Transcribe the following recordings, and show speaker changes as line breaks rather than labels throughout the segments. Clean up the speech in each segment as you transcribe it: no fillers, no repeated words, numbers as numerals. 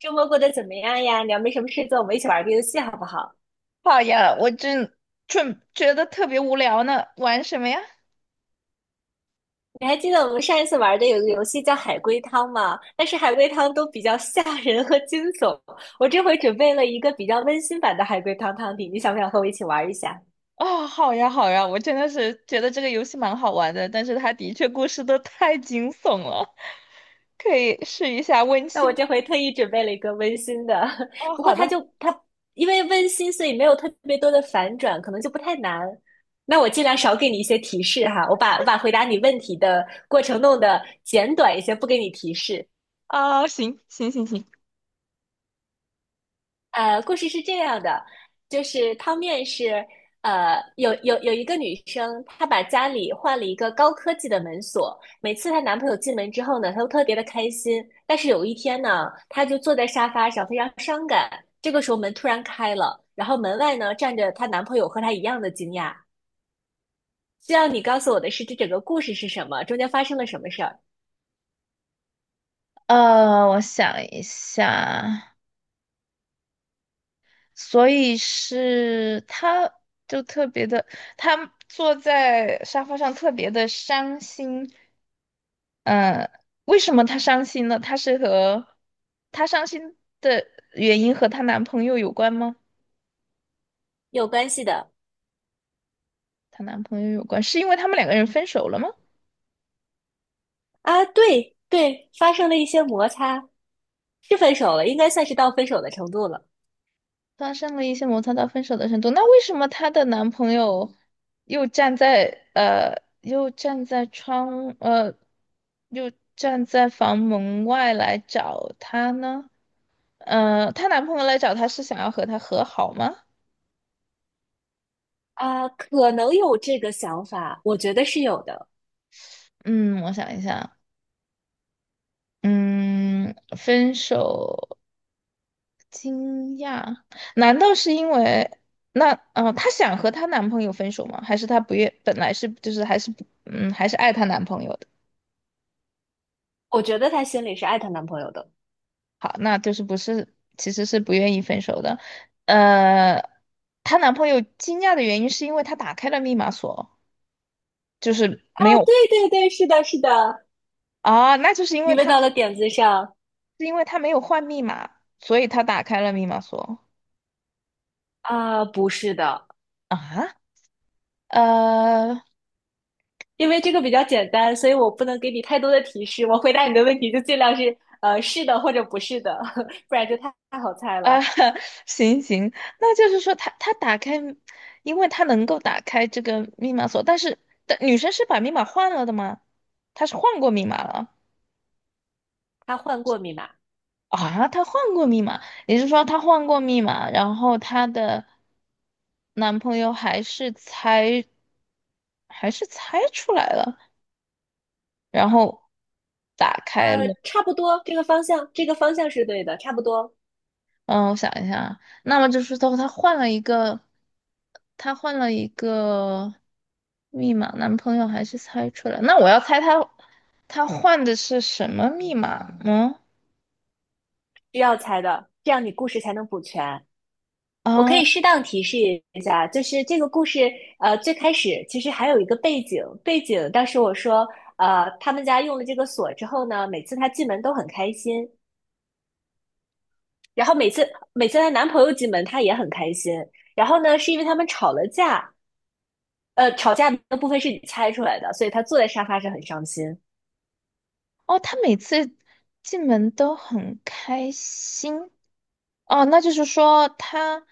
周末过得怎么样呀？你要没什么事做，我们一起玩个游戏好不好？
好呀，我真正觉得特别无聊呢，玩什么呀？
你还记得我们上一次玩的有个游戏叫海龟汤吗？但是海龟汤都比较吓人和惊悚，我这回准备了一个比较温馨版的海龟汤汤底，你想不想和我一起玩一下？
哦，好呀，好呀，我真的是觉得这个游戏蛮好玩的，但是它的确故事都太惊悚了，可以试一下温
那我
馨
这
版。
回特意准备了一个温馨的，
哦，
不过
好的。
它因为温馨，所以没有特别多的反转，可能就不太难。那我尽量少给你一些提示哈，我把回答你问题的过程弄得简短一些，不给你提示。
啊、行行行行，
故事是这样的，就是汤面是，有一个女生，她把家里换了一个高科技的门锁，每次她男朋友进门之后呢，她都特别的开心。但是有一天呢，她就坐在沙发上，非常伤感。这个时候门突然开了，然后门外呢站着她男朋友，和她一样的惊讶。需要你告诉我的是，这整个故事是什么？中间发生了什么事儿？
我想一下，所以是他就特别的，他坐在沙发上特别的伤心。呃，为什么她伤心呢？她是和她伤心的原因和她男朋友有关吗？
有关系的。
她男朋友有关，是因为他们两个人分手了吗？
啊，对对，发生了一些摩擦，是分手了，应该算是到分手的程度了。
发生了一些摩擦到分手的程度，那为什么她的男朋友又站在又站在房门外来找她呢？呃，她男朋友来找她是想要和她和好吗？
啊，可能有这个想法，我觉得是有的。
嗯，我想一下，嗯，分手。惊讶？难道是因为那她想和她男朋友分手吗？还是她不愿，本来是就是还是不嗯，还是爱她男朋友的？
我觉得她心里是爱她男朋友的。
好，那就是不是，其实是不愿意分手的。呃，她男朋友惊讶的原因是因为她打开了密码锁，就是
啊，
没有。
对对对，是的，是的，
啊，那就是因
你
为
问
她
到了点子上。
没有换密码，所以她打开了密码锁。
啊，不是的，
啊。呃，
因为这个比较简单，所以我不能给你太多的提示。我回答你的问题就尽量是是的或者不是的，不然就太好猜
啊，
了。
行行，那就是说他打开，因为他能够打开这个密码锁，但是但女生是把密码换了的吗？她是换过密码了。
她换过密码。
啊？她换过密码，也就是说她换过密码，然后她的男朋友还是猜，还是猜出来了，然后打开了。
差不多这个方向，这个方向是对的，差不多
嗯，我想一下啊，那么就是说她换了一个，她换了一个密码，男朋友还是猜出来。那我要猜她，她换的是什么密码呢？
需要猜的，这样你故事才能补全。我可
啊。
以适当提示一下，就是这个故事，最开始其实还有一个背景，背景当时我说，他们家用了这个锁之后呢，每次她进门都很开心，然后每次她男朋友进门，她也很开心，然后呢，是因为他们吵了架，吵架的部分是你猜出来的，所以她坐在沙发上很伤心。
哦，她每次进门都很开心。哦，那就是说她，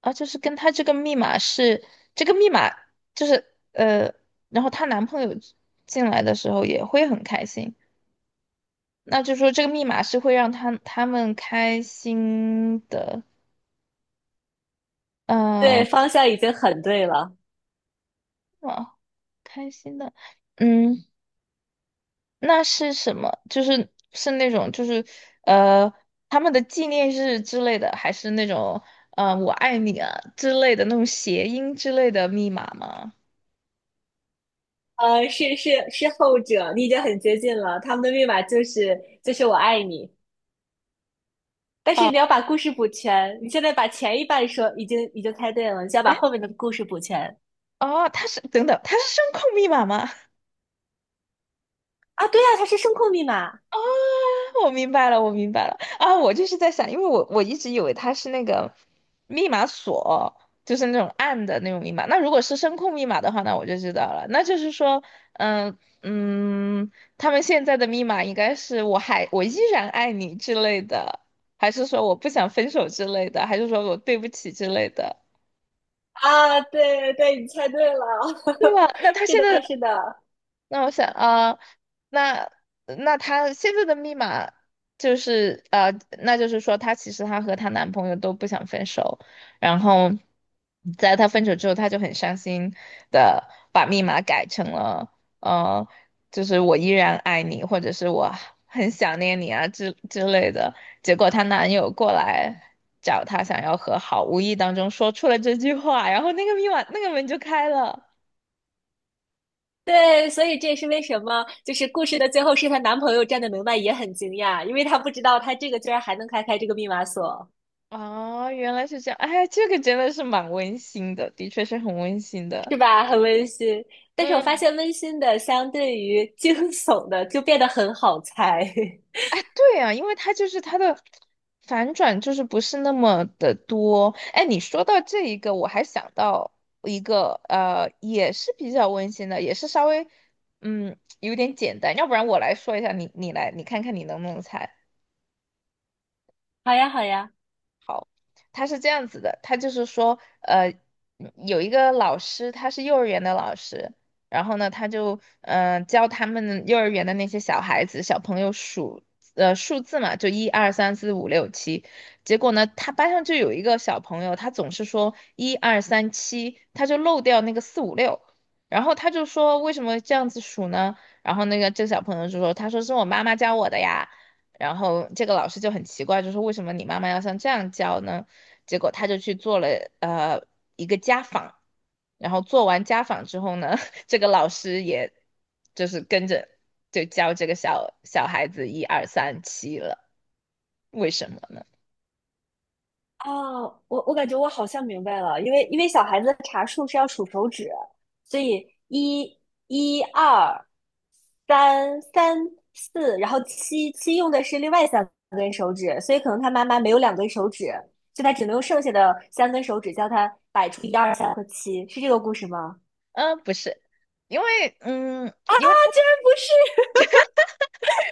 啊，就是跟她这个密码是这个密码，就是呃，然后她男朋友进来的时候也会很开心。那就说这个密码是会让他他们开心的。
对，
嗯、
方向已经很对了。
呃，啊，开心的。嗯，那是什么？就是是那种呃他们的纪念日之类的，还是那种我爱你啊之类的那种谐音之类的密码吗？
是后者，你已经很接近了，他们的密码就是我爱你。但是
哦，
你要把故事补全。你现在把前一半说已经猜对了，你就要把
哎，
后面的故事补全。
哦，它是等等，它是声控密码吗？
啊！对呀，它是声控密码。
哦。我明白了，我明白了啊！我就是在想，因为我一直以为它是那个密码锁，就是那种暗的那种密码。那如果是声控密码的话，那我就知道了。那就是说，嗯嗯，他们现在的密码应该是"我依然爱你"之类的，还是说我不想分手之类的，还是说我对不起之类的，
啊！对对对，你猜对了，
对吧？那他
是
现在
的，是的，
那我想啊、呃那那她现在的密码就是呃，那就是说她其实她和她男朋友都不想分手，然后在她分手之后，她就很伤心的把密码改成了呃，就是我依然爱你，或者是我很想念你啊之类的。结果她男友过来。找她想要和好，无意当中说出了这句话，然后那个密码那个门就开了。
对，所以这也是为什么就是故事的最后是她男朋友站在门外也很惊讶，因为她不知道她这个居然还能开这个密码锁。
哦，原来是这样，哎，这个真的是蛮温馨的，的确是很温馨的。
是吧？很温馨。但是我发
嗯，
现温馨的相对于惊悚的就变得很好猜。
哎，对啊，因为它就是它的反转就是不是那么的多。哎，你说到这一个，我还想到一个，呃，也是比较温馨的，也是稍微，嗯，有点简单。要不然我来说一下，你来，你看看你能不能猜。
好呀，好呀。
他是这样子的，他就是说，有一个老师，他是幼儿园的老师，然后呢，他就教他们幼儿园的那些小孩子、小朋友数数字嘛，就一二三四五六七。结果呢，他班上就有一个小朋友，他总是说一二三七，他就漏掉那个四五六，然后他就说为什么这样子数呢？然后那个这个小朋友就说，他说是我妈妈教我的呀。然后这个老师就很奇怪，就说为什么你妈妈要像这样教呢？结果他就去做了呃一个家访，然后做完家访之后呢，这个老师也就是跟着就教这个小小孩子一二三七了，为什么呢？
哦，我感觉我好像明白了，因为小孩子的查数是要数手指，所以一、一二、三、三、四，然后七用的是另外三根手指，所以可能他妈妈没有两根手指，所以他只能用剩下的三根手指教他摆出一二三和七，是这个故事吗？啊，
嗯、不是，因为他
居然不是。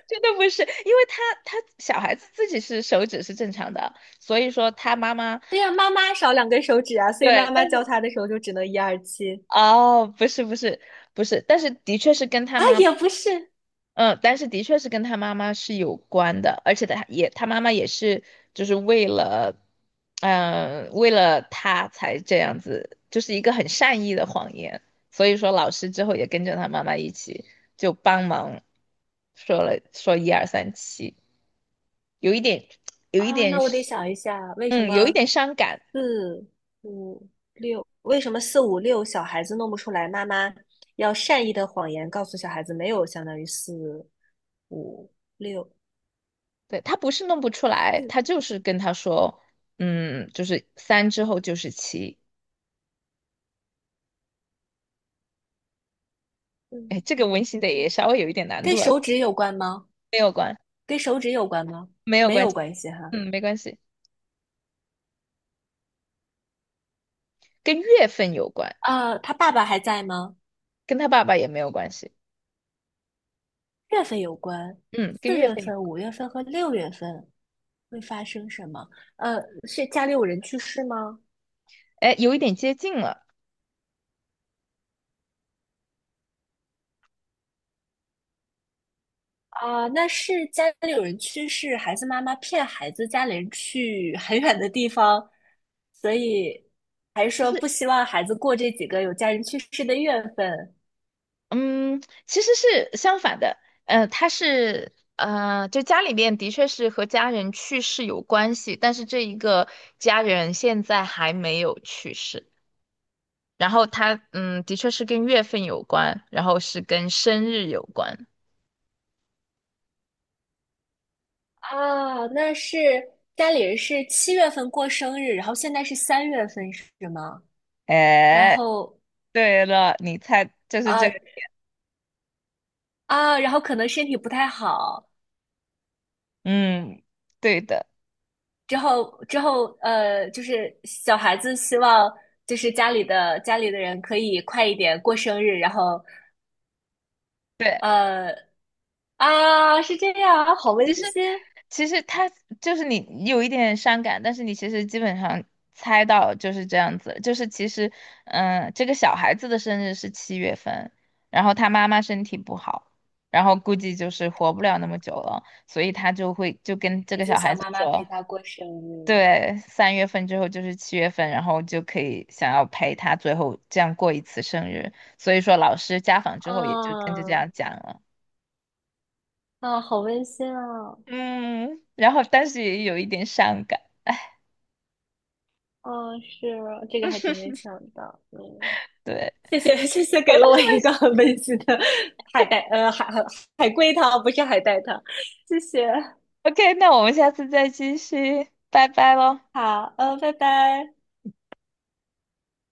真的不是，因为他小孩子自己是手指是正常的，所以说他妈妈
对呀，妈妈少两根手指啊，所以
对，
妈妈
但是
教他的时候就只能一二七。
哦，不是，但是的确是跟他
啊，
妈。
也不是。
嗯，但是的确是跟他妈妈是有关的，而且他妈妈也是就是为了，为了他才这样子，就是一个很善意的谎言。所以说老师之后也跟着他妈妈一起就帮忙说一二三七，有一点有一
啊，
点
那我得想一下，为什
嗯有一
么
点伤感。
四五六，为什么四五六小孩子弄不出来？妈妈要善意的谎言告诉小孩子，没有相当于四五六
对，他不是弄不出
四。
来，
嗯
他就是跟他说，嗯，就是三之后就是七。
嗯
哎，这个
嗯，
温馨的也
嗯
稍微有一点难
跟
度啊。
手指有关吗？
没有关，
跟手指有关吗？
没有
没
关
有
系，
关系哈。
嗯，没关系，跟月份有关，
啊，他爸爸还在吗？
跟他爸爸也没有关系。
月份有关，
嗯，跟
四
月
月
份有，
份、五月份和六月份会发生什么？呃，是家里有人去世吗？
哎，有一点接近了。
啊，那是家里有人去世，孩子妈妈骗孩子家里人去很远的地方，所以还是说不希望孩子过这几个有家人去世的月份。
嗯，其实是相反的，呃，他是，就家里面的确是和家人去世有关系，但是这一个家人现在还没有去世，然后他，嗯，的确是跟月份有关，然后是跟生日有关。
啊？那是家里人是七月份过生日，然后现在是三月份是吗？然
哎，
后
对了，你猜就是这
啊。
个。
啊，然后可能身体不太好，
嗯，对的，
之后就是小孩子希望就是家里的人可以快一点过生日，然后。
对，
呃啊，是这样啊，好温
其实
馨。
其实他就是你有一点伤感，但是你其实基本上猜到就是这样子，就是其实，嗯，这个小孩子的生日是七月份，然后他妈妈身体不好，然后估计就是活不了那么久了，所以他就会就跟这
孩
个
子
小孩
想
子
妈妈陪
说，
他过生日。
对，3月份之后就是七月份，然后就可以想要陪他最后这样过一次生日，所以说老师家访之后也就跟着
啊。
这样讲了。
啊，好温馨啊！
嗯，然后但是也有一点伤感，
啊，是这个还真没想到，嗯，
对。
谢谢谢谢，给了我 一个很温馨的海带，呃，海龟汤，不是海带汤，谢谢，
OK，那我们下次再继续，拜拜喽。
好，嗯，拜拜。